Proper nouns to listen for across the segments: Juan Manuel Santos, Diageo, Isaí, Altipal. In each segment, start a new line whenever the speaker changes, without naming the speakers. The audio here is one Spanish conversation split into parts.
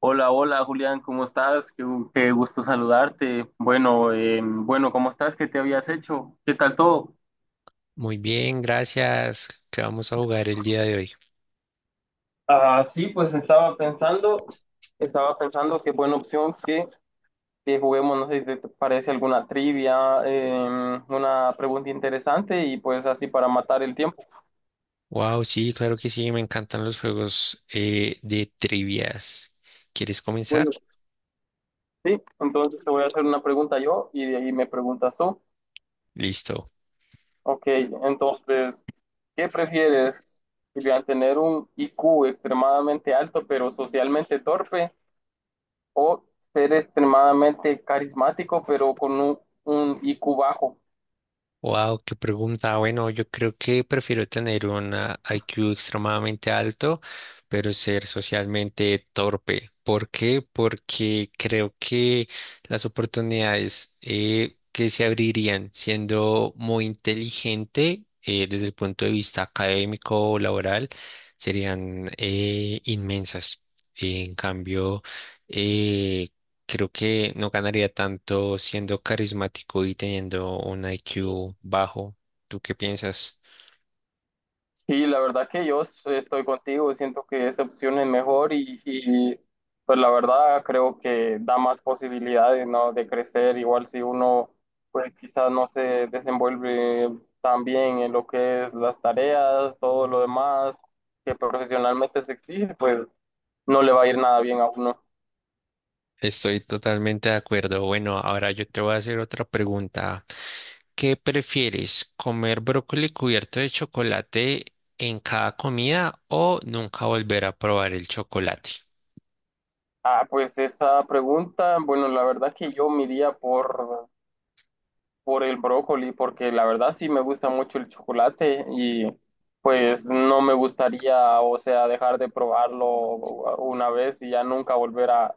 Hola, hola Julián, ¿cómo estás? Qué gusto saludarte. Bueno, bueno, ¿cómo estás? ¿Qué te habías hecho? ¿Qué tal todo?
Muy bien, gracias. ¿Qué vamos a jugar el día de hoy?
Ah, sí, pues estaba pensando qué buena opción que juguemos, no sé si te parece alguna trivia, una pregunta interesante y pues así para matar el tiempo.
Wow, sí, claro que sí, me encantan los juegos de trivias. ¿Quieres
Bueno,
comenzar?
sí, entonces te voy a hacer una pregunta yo y de ahí me preguntas tú.
Listo.
Ok, entonces, ¿qué prefieres, Julián, tener un IQ extremadamente alto pero socialmente torpe o ser extremadamente carismático pero un IQ bajo?
Wow, qué pregunta. Bueno, yo creo que prefiero tener un IQ extremadamente alto, pero ser socialmente torpe. ¿Por qué? Porque creo que las oportunidades que se abrirían siendo muy inteligente desde el punto de vista académico o laboral serían inmensas. En cambio, eh, creo que no ganaría tanto siendo carismático y teniendo un IQ bajo. ¿Tú qué piensas?
Sí, la verdad que estoy contigo, siento que esa opción es mejor pues la verdad creo que da más posibilidades, ¿no? De crecer, igual si uno pues quizás no se desenvuelve tan bien en lo que es las tareas, todo lo demás que profesionalmente se exige, pues no le va a ir nada bien a uno.
Estoy totalmente de acuerdo. Bueno, ahora yo te voy a hacer otra pregunta. ¿Qué prefieres, comer brócoli cubierto de chocolate en cada comida o nunca volver a probar el chocolate?
Ah, pues esa pregunta, bueno, la verdad que yo me iría por el brócoli, porque la verdad sí me gusta mucho el chocolate y pues no me gustaría, o sea, dejar de probarlo una vez y ya nunca volver a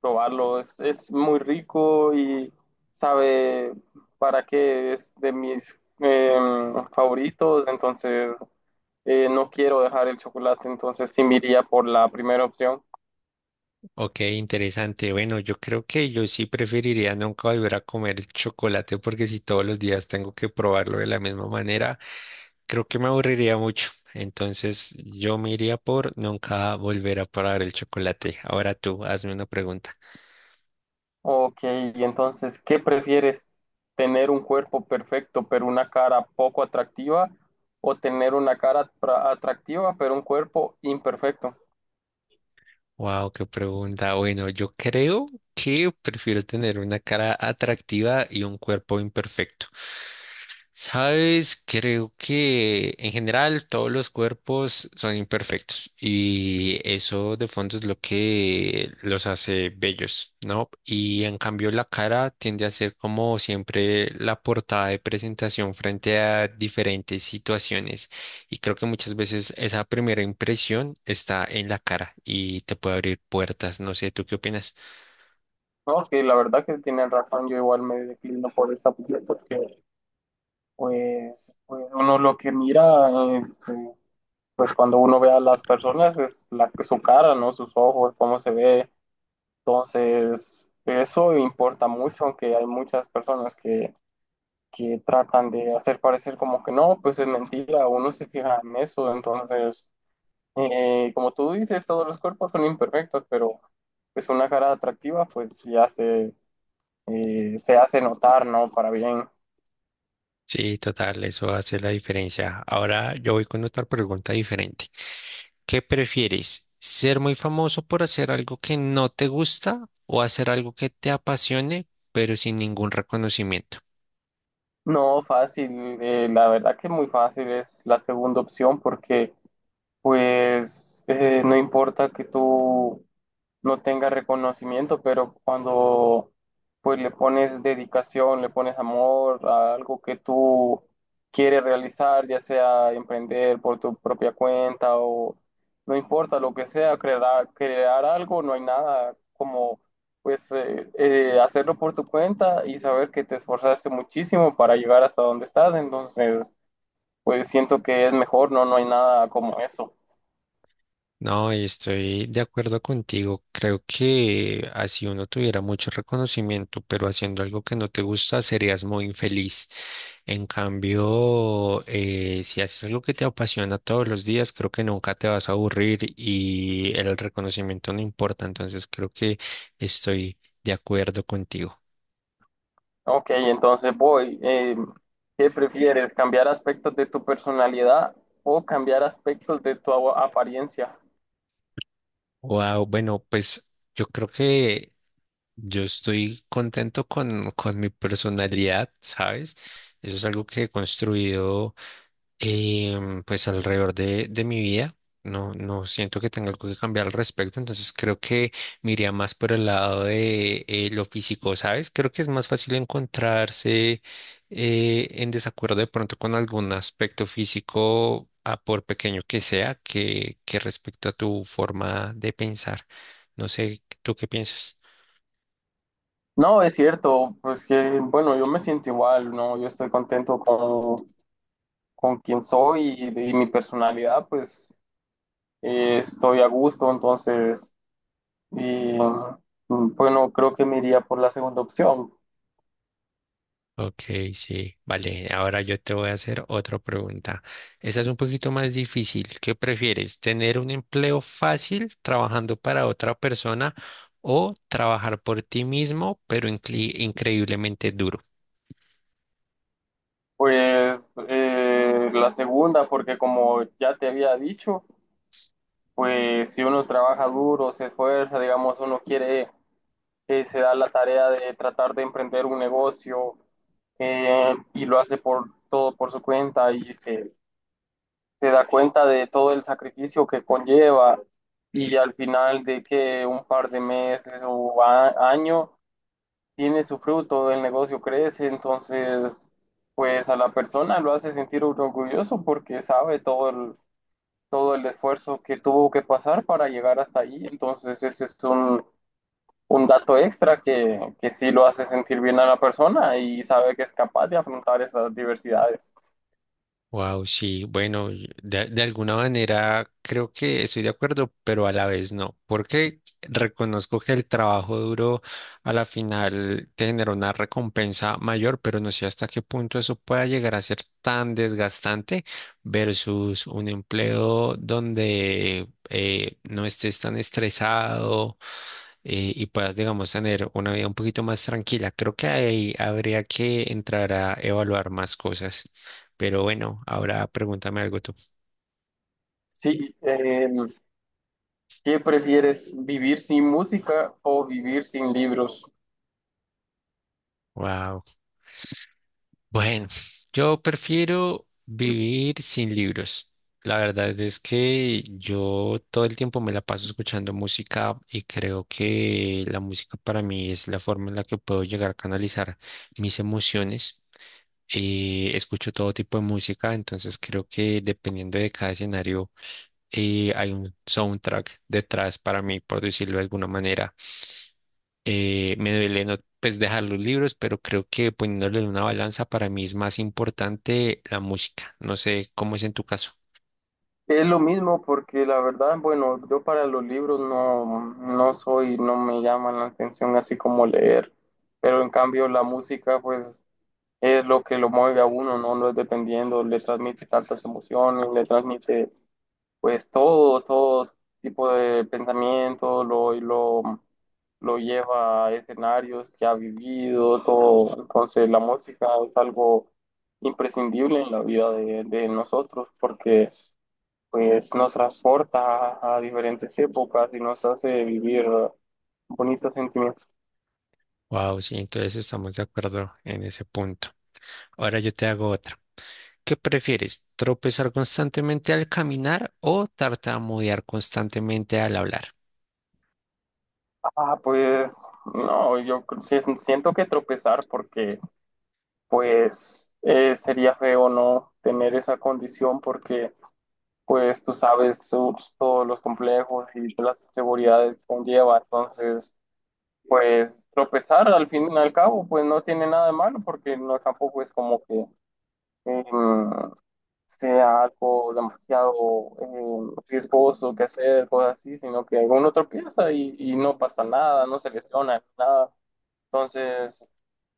probarlo. Es muy rico y sabe para qué es de mis favoritos, entonces no quiero dejar el chocolate, entonces sí me iría por la primera opción.
Ok, interesante. Bueno, yo creo que yo sí preferiría nunca volver a comer chocolate porque si todos los días tengo que probarlo de la misma manera, creo que me aburriría mucho. Entonces yo me iría por nunca volver a probar el chocolate. Ahora tú, hazme una pregunta.
Ok, y entonces, ¿qué prefieres? ¿Tener un cuerpo perfecto pero una cara poco atractiva o tener una atractiva pero un cuerpo imperfecto?
Wow, qué pregunta. Bueno, yo creo que prefiero tener una cara atractiva y un cuerpo imperfecto. Sabes, creo que en general todos los cuerpos son imperfectos y eso de fondo es lo que los hace bellos, ¿no? Y en cambio la cara tiende a ser como siempre la portada de presentación frente a diferentes situaciones y creo que muchas veces esa primera impresión está en la cara y te puede abrir puertas, no sé, ¿tú qué opinas?
No, que la verdad que tienen razón, yo igual me declino por esa opción porque pues, pues uno lo que mira, este, pues cuando uno ve a las personas es su cara, ¿no? Sus ojos, cómo se ve. Entonces, eso importa mucho, aunque hay muchas personas que tratan de hacer parecer como que no, pues es mentira, uno se fija en eso, entonces, como tú dices, todos los cuerpos son imperfectos, pero pues una cara atractiva se hace notar, ¿no? Para bien.
Sí, total, eso hace la diferencia. Ahora yo voy con otra pregunta diferente. ¿Qué prefieres? ¿Ser muy famoso por hacer algo que no te gusta o hacer algo que te apasione, pero sin ningún reconocimiento?
No, fácil, la verdad que muy fácil es la segunda opción porque pues no importa que tú no tenga reconocimiento, pero cuando pues le pones dedicación, le pones amor a algo que tú quieres realizar, ya sea emprender por tu propia cuenta o no importa lo que sea, crear algo, no hay nada como pues hacerlo por tu cuenta y saber que te esforzaste muchísimo para llegar hasta donde estás, entonces pues siento que es mejor, no, no hay nada como eso.
No, y estoy de acuerdo contigo. Creo que así uno tuviera mucho reconocimiento, pero haciendo algo que no te gusta serías muy infeliz. En cambio, si haces algo que te apasiona todos los días, creo que nunca te vas a aburrir y el reconocimiento no importa. Entonces, creo que estoy de acuerdo contigo.
Ok, entonces voy. ¿Qué prefieres? ¿Cambiar aspectos de tu personalidad o cambiar aspectos de apariencia?
Wow, bueno, pues yo creo que yo estoy contento con mi personalidad, ¿sabes? Eso es algo que he construido pues alrededor de mi vida. No, no siento que tenga algo que cambiar al respecto, entonces creo que me iría más por el lado de lo físico, ¿sabes? Creo que es más fácil encontrarse en desacuerdo de pronto con algún aspecto físico, a por pequeño que sea, que respecto a tu forma de pensar. No sé, ¿tú qué piensas?
No, es cierto, pues que, bueno, yo me siento igual, ¿no? Yo estoy contento con quien soy y mi personalidad, pues estoy a gusto, entonces, y, mm, bueno, creo que me iría por la segunda opción.
Ok, sí, vale. Ahora yo te voy a hacer otra pregunta. Esta es un poquito más difícil. ¿Qué prefieres? ¿Tener un empleo fácil trabajando para otra persona o trabajar por ti mismo, pero increíblemente duro?
Pues la segunda, porque como ya te había dicho, pues si uno trabaja duro, se esfuerza, digamos, uno quiere, se da la tarea de tratar de emprender un negocio y lo hace por todo por su cuenta se da cuenta de todo el sacrificio que conlleva y al final de que un par de meses año tiene su fruto, el negocio crece, entonces pues a la persona lo hace sentir orgulloso porque sabe todo el esfuerzo que tuvo que pasar para llegar hasta ahí. Entonces, ese es un dato extra que sí lo hace sentir bien a la persona y sabe que es capaz de afrontar esas diversidades.
Wow, sí, bueno, y de alguna manera creo que estoy de acuerdo, pero a la vez no, porque reconozco que el trabajo duro a la final te genera una recompensa mayor, pero no sé hasta qué punto eso pueda llegar a ser tan desgastante versus un empleo donde no estés tan estresado y puedas, digamos, tener una vida un poquito más tranquila. Creo que ahí habría que entrar a evaluar más cosas. Pero bueno, ahora pregúntame algo tú.
Sí, ¿qué prefieres, vivir sin música o vivir sin libros?
Wow. Bueno, yo prefiero vivir sin libros. La verdad es que yo todo el tiempo me la paso escuchando música y creo que la música para mí es la forma en la que puedo llegar a canalizar mis emociones. Escucho todo tipo de música, entonces creo que dependiendo de cada escenario hay un soundtrack detrás para mí, por decirlo de alguna manera. Me duele no, pues dejar los libros, pero creo que poniéndole en una balanza para mí es más importante la música. No sé cómo es en tu caso.
Es lo mismo porque la verdad, bueno, yo para los libros no soy, no me llaman la atención así como leer, pero en cambio la música, pues es lo que lo mueve a uno, ¿no? No es dependiendo, le transmite tantas emociones, le transmite pues todo tipo de pensamiento, lo lleva a escenarios que ha vivido, todo. Entonces la música es algo imprescindible en la vida de nosotros porque pues nos transporta a diferentes épocas y nos hace vivir bonitos sentimientos.
Wow, sí, entonces estamos de acuerdo en ese punto. Ahora yo te hago otra. ¿Qué prefieres? ¿Tropezar constantemente al caminar o tartamudear constantemente al hablar?
Ah, pues no, yo cre- si- siento que tropezar porque pues sería feo no tener esa condición porque pues todos los complejos y las inseguridades que conlleva, entonces pues tropezar al fin y al cabo pues no tiene nada de malo porque no tampoco es como que em, sea algo demasiado riesgoso que hacer, cosas así, sino que uno tropieza y no pasa nada, no se lesiona, nada. Entonces,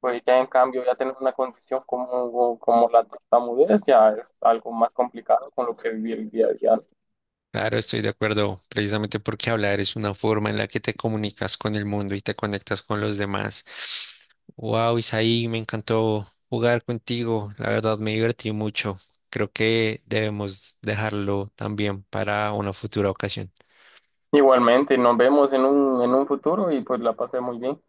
pues ya en cambio, ya tener una condición como la tartamudez ya es algo más complicado con lo que vivir el día a día.
Claro, estoy de acuerdo, precisamente porque hablar es una forma en la que te comunicas con el mundo y te conectas con los demás. Wow, Isaí, me encantó jugar contigo, la verdad me divertí mucho. Creo que debemos dejarlo también para una futura ocasión.
Igualmente, nos vemos en en un futuro y pues la pasé muy bien.